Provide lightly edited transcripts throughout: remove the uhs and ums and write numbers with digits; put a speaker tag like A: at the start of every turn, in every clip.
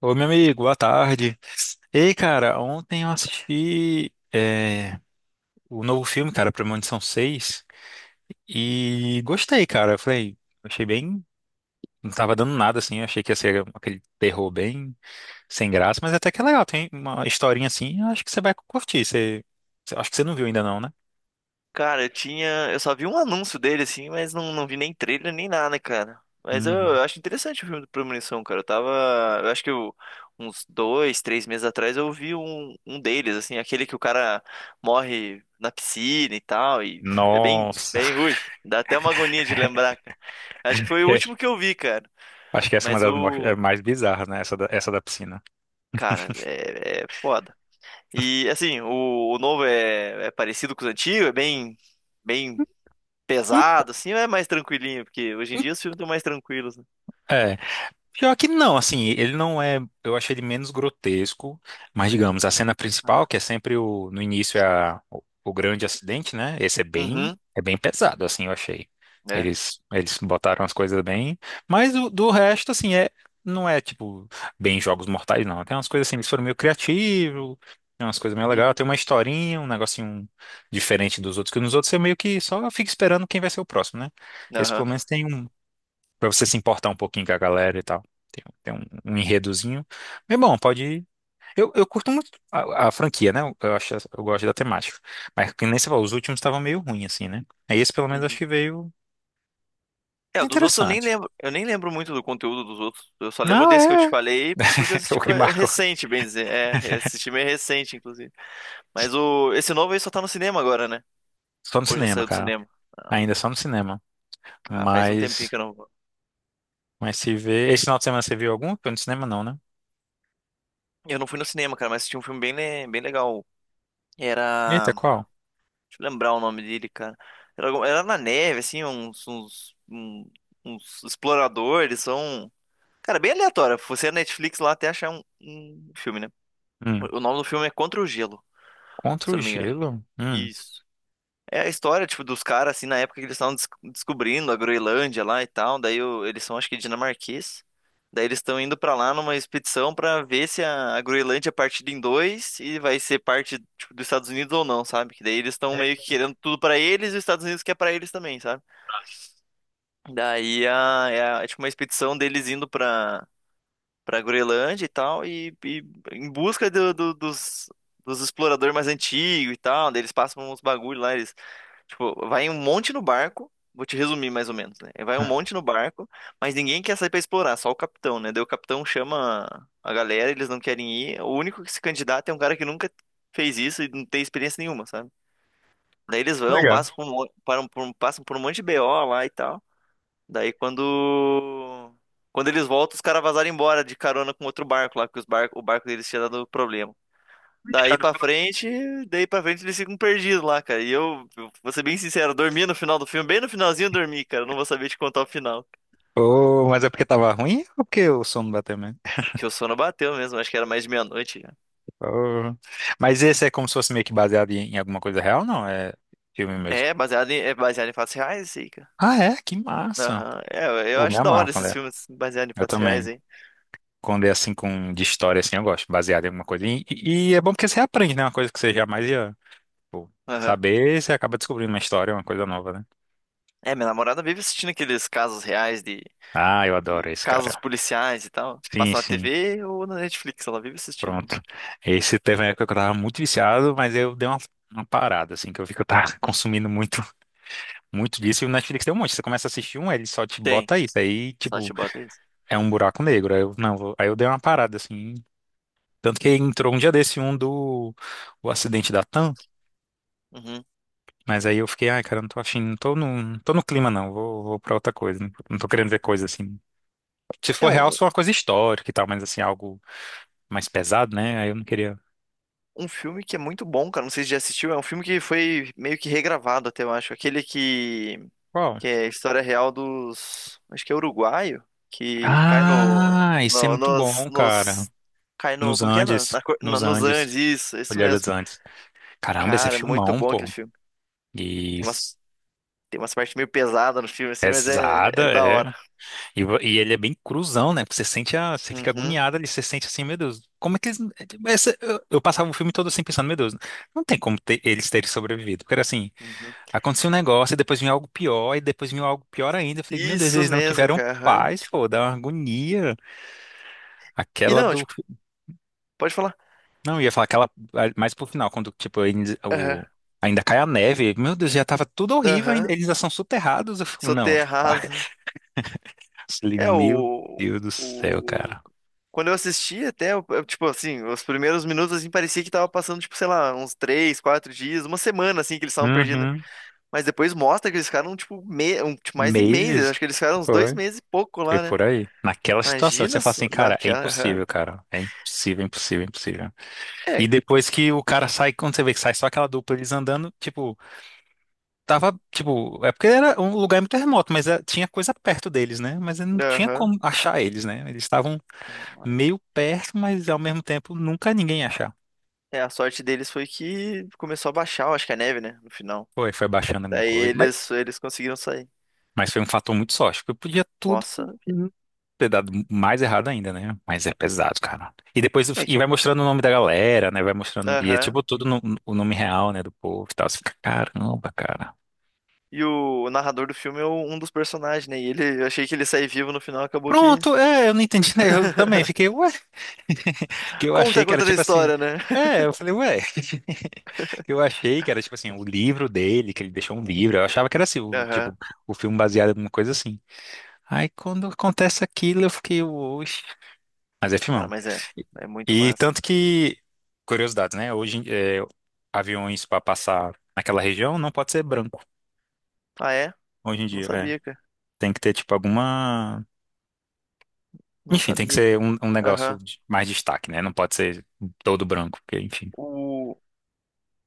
A: Ô, meu amigo, boa tarde. Ei, cara, ontem eu assisti é, o novo filme, cara, Premonição Seis e gostei, cara. Eu falei, achei bem. Não tava dando nada, assim. Eu achei que ia ser aquele terror bem sem graça, mas até que é legal. Tem uma historinha assim, eu acho que você vai curtir. Acho que você não viu ainda, não, né?
B: Cara, eu tinha. Eu só vi um anúncio dele, assim, mas não vi nem trailer nem nada, cara. Mas eu,
A: Uhum.
B: eu acho interessante o filme do Premonição, cara. Eu tava. Eu acho que eu- Uns dois, três meses atrás eu vi um deles, assim, aquele que o cara morre na piscina e tal. E é
A: Nossa,
B: bem ruim. Dá até uma agonia de lembrar, cara. Acho que foi o último que eu vi, cara.
A: acho que essa é uma
B: Mas
A: das
B: o.
A: é mais bizarras, né? Essa da piscina.
B: Cara, é foda. E assim, o novo é parecido com os antigos, é bem. Bem
A: Hum.
B: pesado, assim, ou é mais tranquilinho? Porque hoje em dia os filmes estão mais tranquilos, né?
A: É. Pior que não, assim, ele não é. Eu achei ele menos grotesco, mas digamos, a cena principal,
B: Ah.
A: que é sempre o, no início é o grande acidente, né? Esse
B: Uhum,
A: é bem pesado, assim, eu achei.
B: é.
A: Eles botaram as coisas bem, mas o, do resto, assim, é, não é tipo bem Jogos Mortais, não. Tem umas coisas assim, eles foram meio criativos, tem umas coisas meio legais,
B: Uhum,
A: tem uma historinha, um negocinho diferente dos outros, que nos outros você meio que só fica esperando quem vai ser o próximo, né? Esse
B: aham,
A: pelo menos tem um. Pra você se importar um pouquinho com a galera e tal. Tem um, um enredozinho. Mas bom, pode ir. Eu curto muito a franquia, né? Eu acho, eu gosto da temática. Mas que nem você falou, os últimos estavam meio ruins, assim, né? Aí esse pelo menos acho
B: uhum.
A: que veio.
B: É,
A: Tá
B: o dos outros
A: interessante.
B: eu nem lembro muito do conteúdo dos outros. Eu só lembro
A: Não,
B: desse que eu te
A: é.
B: falei porque eu assisti
A: O que
B: foi
A: marcou.
B: recente, bem dizer. É, assisti meio recente, inclusive. Mas o esse novo aí só tá no cinema agora, né?
A: Só no
B: Hoje já
A: cinema,
B: saiu do
A: cara.
B: cinema.
A: Ainda só no cinema.
B: Ah, faz um tempinho
A: Mas.
B: que eu não vou.
A: Mas se vê. Esse final de semana você viu algum? Foi no cinema, não, né?
B: Eu não fui no cinema, cara, mas assisti um filme bem legal.
A: Eita,
B: Era
A: qual?
B: deixa eu lembrar o nome dele, cara. Era, era na neve, assim, uns exploradores, são. Cara, bem aleatório. Você é Netflix lá até achar um filme, né?
A: Hum.
B: O nome do filme é Contra o Gelo,
A: Contra
B: se eu
A: o
B: não me engano.
A: gelo? Hum.
B: Isso. É a história, tipo, dos caras, assim, na época que eles estavam descobrindo a Groenlândia lá e tal. Daí o- eles são, acho que, dinamarquês. Daí eles estão indo pra lá numa expedição pra ver se a Groenlândia é partida em dois e vai ser parte, tipo, dos Estados Unidos ou não, sabe? Que daí eles estão meio que
A: É.
B: querendo tudo pra eles e os Estados Unidos quer pra eles também, sabe? Daí a, é, a- É tipo uma expedição deles indo pra Groenlândia e tal, e em busca dos exploradores mais antigos e tal, daí eles passam uns bagulho lá, eles, tipo, vai um monte no barco, vou te resumir mais ou menos, né? Vai um
A: Hum.
B: monte no barco, mas ninguém quer sair pra explorar, só o capitão, né? Daí o capitão chama a galera, eles não querem ir, o único que se candidata é um cara que nunca fez isso e não tem experiência nenhuma, sabe? Daí eles vão,
A: Legal.
B: passam por um monte de BO lá e tal. Daí quando. Quando eles voltam, os caras vazaram embora de carona com outro barco lá, porque os o barco deles tinha dado problema. Daí pra frente, daí pra frente eles ficam perdidos lá, cara. E eu vou ser bem sincero, eu dormi no final do filme, bem no finalzinho eu dormi, cara. Eu não vou saber te contar o final.
A: Ô, mas é porque tava ruim ou porque o sono bateu mesmo?
B: Que o sono bateu mesmo, acho que era mais de meia-noite já.
A: Oh. Mas esse é como se fosse meio que baseado em, em alguma coisa real, não? É filme mesmo.
B: É, é baseado em fatos reais, isso aí, cara.
A: Ah, é? Que massa.
B: Aham. É, eu
A: Pô, me
B: acho da hora
A: amarro quando
B: esses
A: é.
B: filmes baseados em
A: Eu
B: fatos reais,
A: também.
B: hein?
A: Quando é assim com de história assim, eu gosto, baseado em alguma coisa. E, e é bom porque você aprende, né? Uma coisa que você jamais ia, tipo,
B: Aham.
A: saber, você acaba descobrindo uma história, uma coisa nova, né?
B: É, minha namorada vive assistindo aqueles casos reais de
A: Ah, eu adoro
B: e
A: esse,
B: casos
A: cara.
B: policiais e tal.
A: Sim,
B: Passa na
A: sim.
B: TV ou na Netflix, ela vive assistindo.
A: Pronto. Esse teve uma época que eu tava muito viciado, mas eu dei uma parada, assim, que eu vi que eu tava
B: Uhum.
A: consumindo muito, muito disso. E o Netflix tem um monte. Você começa a assistir um, ele só te
B: Tem.
A: bota isso. Aí, tipo.
B: Sátira isso.
A: É um buraco negro. Aí eu, não, aí eu dei uma parada assim. Tanto que entrou um dia desse um do o acidente da TAM,
B: Uhum.
A: mas aí eu fiquei, ai, cara, não tô afim, não tô no, não tô no clima, não, vou pra outra coisa, não tô querendo ver coisa assim. Se
B: É
A: for real, só uma coisa histórica e tal, mas assim, algo mais pesado, né? Aí eu não queria.
B: um filme que é muito bom, cara. Não sei se já assistiu. É um filme que foi meio que regravado até, eu acho. Aquele
A: Qual?
B: que é a história real dos. Acho que é uruguaio. Que cai no.
A: Ah, isso é muito bom, cara.
B: Nos. Cai no.
A: Nos
B: Como que é?
A: Andes, nos
B: Nos
A: Andes,
B: Andes, isso, é isso
A: Olheiras dos
B: mesmo.
A: Andes. Caramba, esse é
B: Cara, é muito
A: filmão,
B: bom aquele
A: pô.
B: filme.
A: E
B: Tem umas, tem umas partes meio pesadas no filme, assim, mas
A: pesada,
B: é da
A: é.
B: hora.
A: E, e ele é bem cruzão, né? Porque você sente a, você fica
B: Uhum,
A: agoniado ali, você sente assim, meu Deus, como é que eles. Eu passava o filme todo assim pensando, meu Deus, não tem como eles terem sobrevivido. Porque era assim,
B: uhum.
A: aconteceu um negócio, e depois vinha algo pior, e depois vinha algo pior ainda. Eu falei, meu Deus,
B: Isso
A: eles não
B: mesmo,
A: tiveram
B: cara. Aham.
A: paz, pô, dá uma agonia.
B: E
A: Aquela
B: não,
A: do.
B: tipo, pode falar.
A: Não, eu ia falar aquela mais pro final, quando, tipo,
B: Aham,
A: o, ainda cai a neve. Meu Deus, já tava tudo horrível,
B: aham.
A: eles já são soterrados. Eu fico,
B: Sou
A: não,
B: terra
A: eu
B: rasa.
A: falei,
B: É
A: meu Deus do céu,
B: o.
A: cara.
B: Quando eu assisti até, tipo assim, os primeiros minutos assim parecia que tava passando, tipo, sei lá, uns três, quatro dias, uma semana assim que eles estavam perdidos, né?
A: Uhum.
B: Mas depois mostra que eles ficaram, tipo, mais de meses.
A: Meses?
B: Acho que eles ficaram uns dois
A: Foi.
B: meses e pouco
A: Foi
B: lá, né?
A: por aí. Naquela situação, que você
B: Imagina
A: fala
B: só-
A: assim,
B: naquela. Aham.
A: cara. É impossível, impossível, impossível.
B: É,
A: E depois que o cara sai, quando você vê que sai só aquela dupla, eles andando, tipo, tava, tipo, é porque era um lugar muito remoto, mas é, tinha coisa perto deles, né? Mas não tinha
B: aham.
A: como achar eles, né? Eles estavam meio perto, mas ao mesmo tempo nunca ninguém ia achar.
B: É, a sorte deles foi que começou a baixar, eu acho que a neve, né? No final.
A: Foi, foi baixando alguma
B: Daí
A: coisa.
B: eles conseguiram sair.
A: Mas foi um fator muito sorte, porque eu podia tudo.
B: Nossa, vida.
A: Ter dado mais errado ainda, né? Mas é pesado, cara. E depois
B: É que.
A: e vai mostrando o nome da galera, né? Vai mostrando. E é
B: Aham.
A: tipo tudo o nome real, né? Do povo e tal. Você fica, caramba, cara.
B: E o narrador do filme é um dos personagens, né? E ele, eu achei que ele sair vivo no final, acabou que.
A: Pronto, é, eu não entendi, né? Eu também fiquei, ué. Que eu
B: Como que
A: achei
B: tá
A: que era
B: contando a
A: tipo assim.
B: história, né?
A: É, eu falei, ué. Que eu achei que era tipo assim, o livro dele, que ele deixou um livro. Eu achava que era assim, o, tipo,
B: Aham.
A: o filme baseado em uma coisa assim. Aí quando acontece aquilo, eu fiquei, oxe. Mas é
B: Cara,
A: filmão.
B: mas é.
A: E,
B: É muito
A: e
B: massa.
A: tanto que, curiosidade né? Hoje, é, aviões para passar naquela região não pode ser branco,
B: Ah, é?
A: hoje em
B: Não
A: dia, é.
B: sabia, cara.
A: Tem que ter, tipo, alguma...
B: Não
A: Enfim, tem que
B: sabia,
A: ser
B: cara.
A: um, um negócio
B: Aham.
A: de mais destaque, né? Não pode ser todo branco, porque, enfim.
B: O...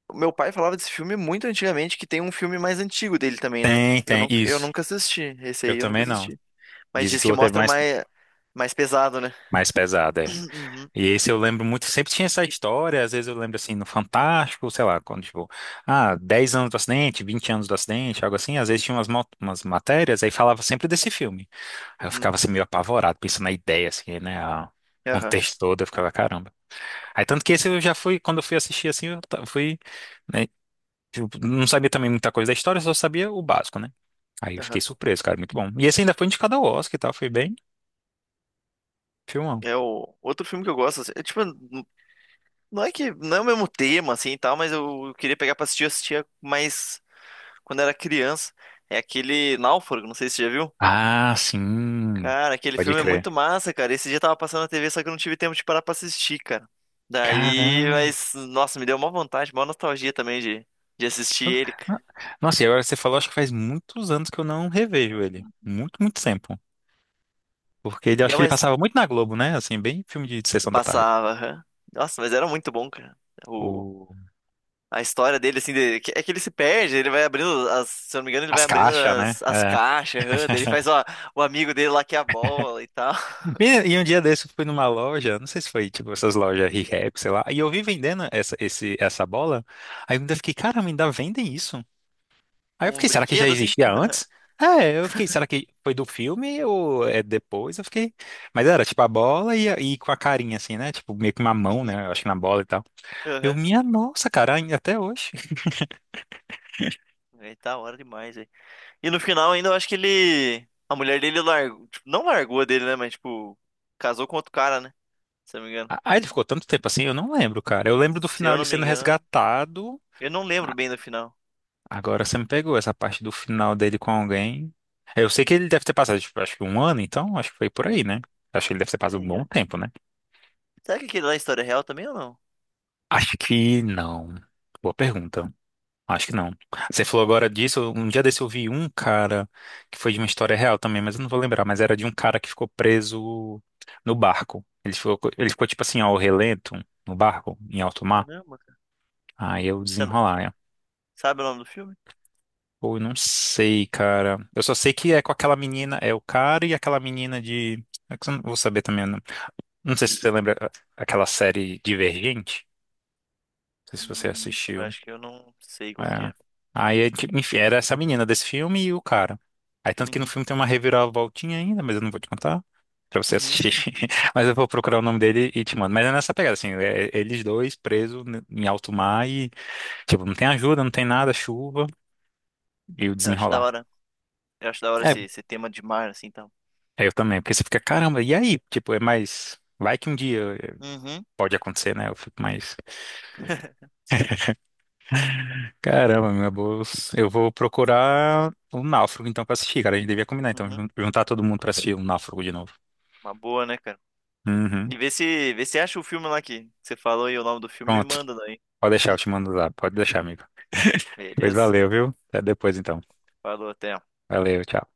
B: o meu pai falava desse filme muito antigamente, que tem um filme mais antigo dele também, né?
A: Tem,
B: Eu,
A: tem,
B: eu
A: isso.
B: nunca assisti. Esse
A: Eu
B: aí eu nunca
A: também não.
B: assisti. Mas
A: Dizem
B: diz
A: que o
B: que
A: outro é
B: mostra
A: mais,
B: mais, mais pesado, né?
A: mais pesado, é.
B: Uhum.
A: E esse eu lembro muito, sempre tinha essa história, às vezes eu lembro assim, no Fantástico, sei lá, quando tipo, ah, 10 anos do acidente, 20 anos do acidente, algo assim, às vezes tinha umas, umas matérias, aí falava sempre desse filme. Aí eu
B: Uhum.
A: ficava assim meio apavorado, pensando na ideia, assim, né, o
B: Aham.
A: contexto todo, eu ficava, caramba. Aí tanto que esse eu já fui, quando eu fui assistir assim, eu fui, né, tipo, não sabia também muita coisa da história, só sabia o básico, né. Aí eu fiquei
B: Aham.
A: surpreso, cara, muito bom. E esse ainda foi indicado ao Oscar e tal, foi bem filmão.
B: É o outro filme que eu gosto, assim, é, tipo, não é que não é o mesmo tema assim e tal, mas eu queria pegar pra assistir, eu assistia mais quando era criança. É aquele Náufrago, não sei se você já viu.
A: Ah, sim,
B: Cara, aquele
A: pode
B: filme é
A: crer.
B: muito massa, cara. Esse dia tava passando na TV, só que eu não tive tempo de parar pra assistir, cara. Daí,
A: Caramba.
B: mas nossa, me deu uma vontade, uma nostalgia também de assistir ele, cara.
A: Nossa, e agora você falou, acho que faz muitos anos que eu não revejo ele. Muito, muito tempo. Porque ele,
B: E
A: acho
B: é,
A: que ele
B: mas
A: passava muito na Globo, né? Assim, bem filme de sessão da tarde.
B: passava, aham. Nossa, mas era muito bom, cara.
A: O...
B: A história dele, assim, é que ele se perde, ele vai abrindo, as, se eu não me engano, ele
A: As
B: vai abrindo
A: caixas, né?
B: as
A: É.
B: caixas, aham, daí ele faz, ó, o amigo dele lá que é a bola e tal,
A: E, e um dia desse eu fui numa loja, não sei se foi tipo essas lojas Rehab, sei lá, e eu vi vendendo essa, esse, essa bola. Aí eu ainda fiquei, cara, ainda vendem isso? Aí eu
B: como um
A: fiquei, será que já
B: brinquedo, assim.
A: existia antes? É, eu fiquei, será que foi do filme ou é depois? Eu fiquei. Mas era tipo a bola e com a carinha, assim, né? Tipo, meio que uma mão,
B: Uhum,
A: né? Eu acho que na bola e tal. Eu,
B: aham.
A: minha nossa, cara, ainda até hoje.
B: Aí tá hora demais, velho. E no final ainda eu acho que ele, a mulher dele largou, tipo, não largou dele, né, mas, tipo, casou com outro cara, né, se eu não me engano.
A: Aí ele ficou tanto tempo assim, eu não lembro, cara. Eu lembro do
B: Se
A: final
B: eu
A: ele
B: não me
A: sendo
B: engano,
A: resgatado.
B: eu não lembro bem do final.
A: Agora você me pegou essa parte do final dele com alguém. Eu sei que ele deve ter passado, tipo, acho que um ano, então, acho que foi por
B: Hum,
A: aí, né? Acho que ele deve ter passado um
B: Peraí,
A: bom
B: velho.
A: tempo, né?
B: Será que aquele lá é história real também ou não?
A: Acho que não. Boa pergunta. Acho que não. Você falou agora disso. Um dia desse eu vi um cara que foi de uma história real também, mas eu não vou lembrar. Mas era de um cara que ficou preso no barco. Ele ficou tipo assim, ao relento, no barco, em alto mar.
B: Caramba, cara.
A: Aí eu
B: Você não-
A: desenrolar, né?
B: sabe o nome do filme?
A: Pô, eu não sei, cara. Eu só sei que é com aquela menina, é o cara e aquela menina de. É que eu não vou saber também. Não, não sei se você lembra ah, aquela série Divergente. Não sei se você
B: Eu
A: assistiu.
B: acho que eu não sei qual que
A: É.
B: é.
A: Aí, enfim, era essa menina desse filme e o cara. Aí, tanto que no
B: Uhum.
A: filme tem uma reviravoltinha ainda, mas eu não vou te contar pra você
B: Uhum.
A: assistir. Mas eu vou procurar o nome dele e te mando. Mas é nessa pegada, assim, eles dois presos em alto mar e, tipo, não tem ajuda, não tem nada, chuva e o
B: Eu acho da
A: desenrolar.
B: hora. Eu acho da hora
A: É,
B: esse, esse tema de mar, assim, tal.
A: é, eu também, porque você fica, caramba, e aí? Tipo, é mais. Vai que um dia
B: Uhum.
A: pode acontecer, né? Eu fico mais. Caramba, meu bolsa. Eu vou procurar o Náufrago, então, pra assistir, cara. A gente devia combinar, então,
B: Uhum.
A: juntar todo mundo pra assistir o Náufrago de novo.
B: Uma boa, né, cara?
A: Uhum.
B: E vê se acha o filme lá que você falou e o nome do filme me
A: Pronto.
B: manda daí.
A: Pode deixar, eu te mando lá. Pode deixar, amigo. Pois
B: Beleza?
A: valeu, viu? Até depois, então.
B: Falou, até.
A: Valeu, tchau.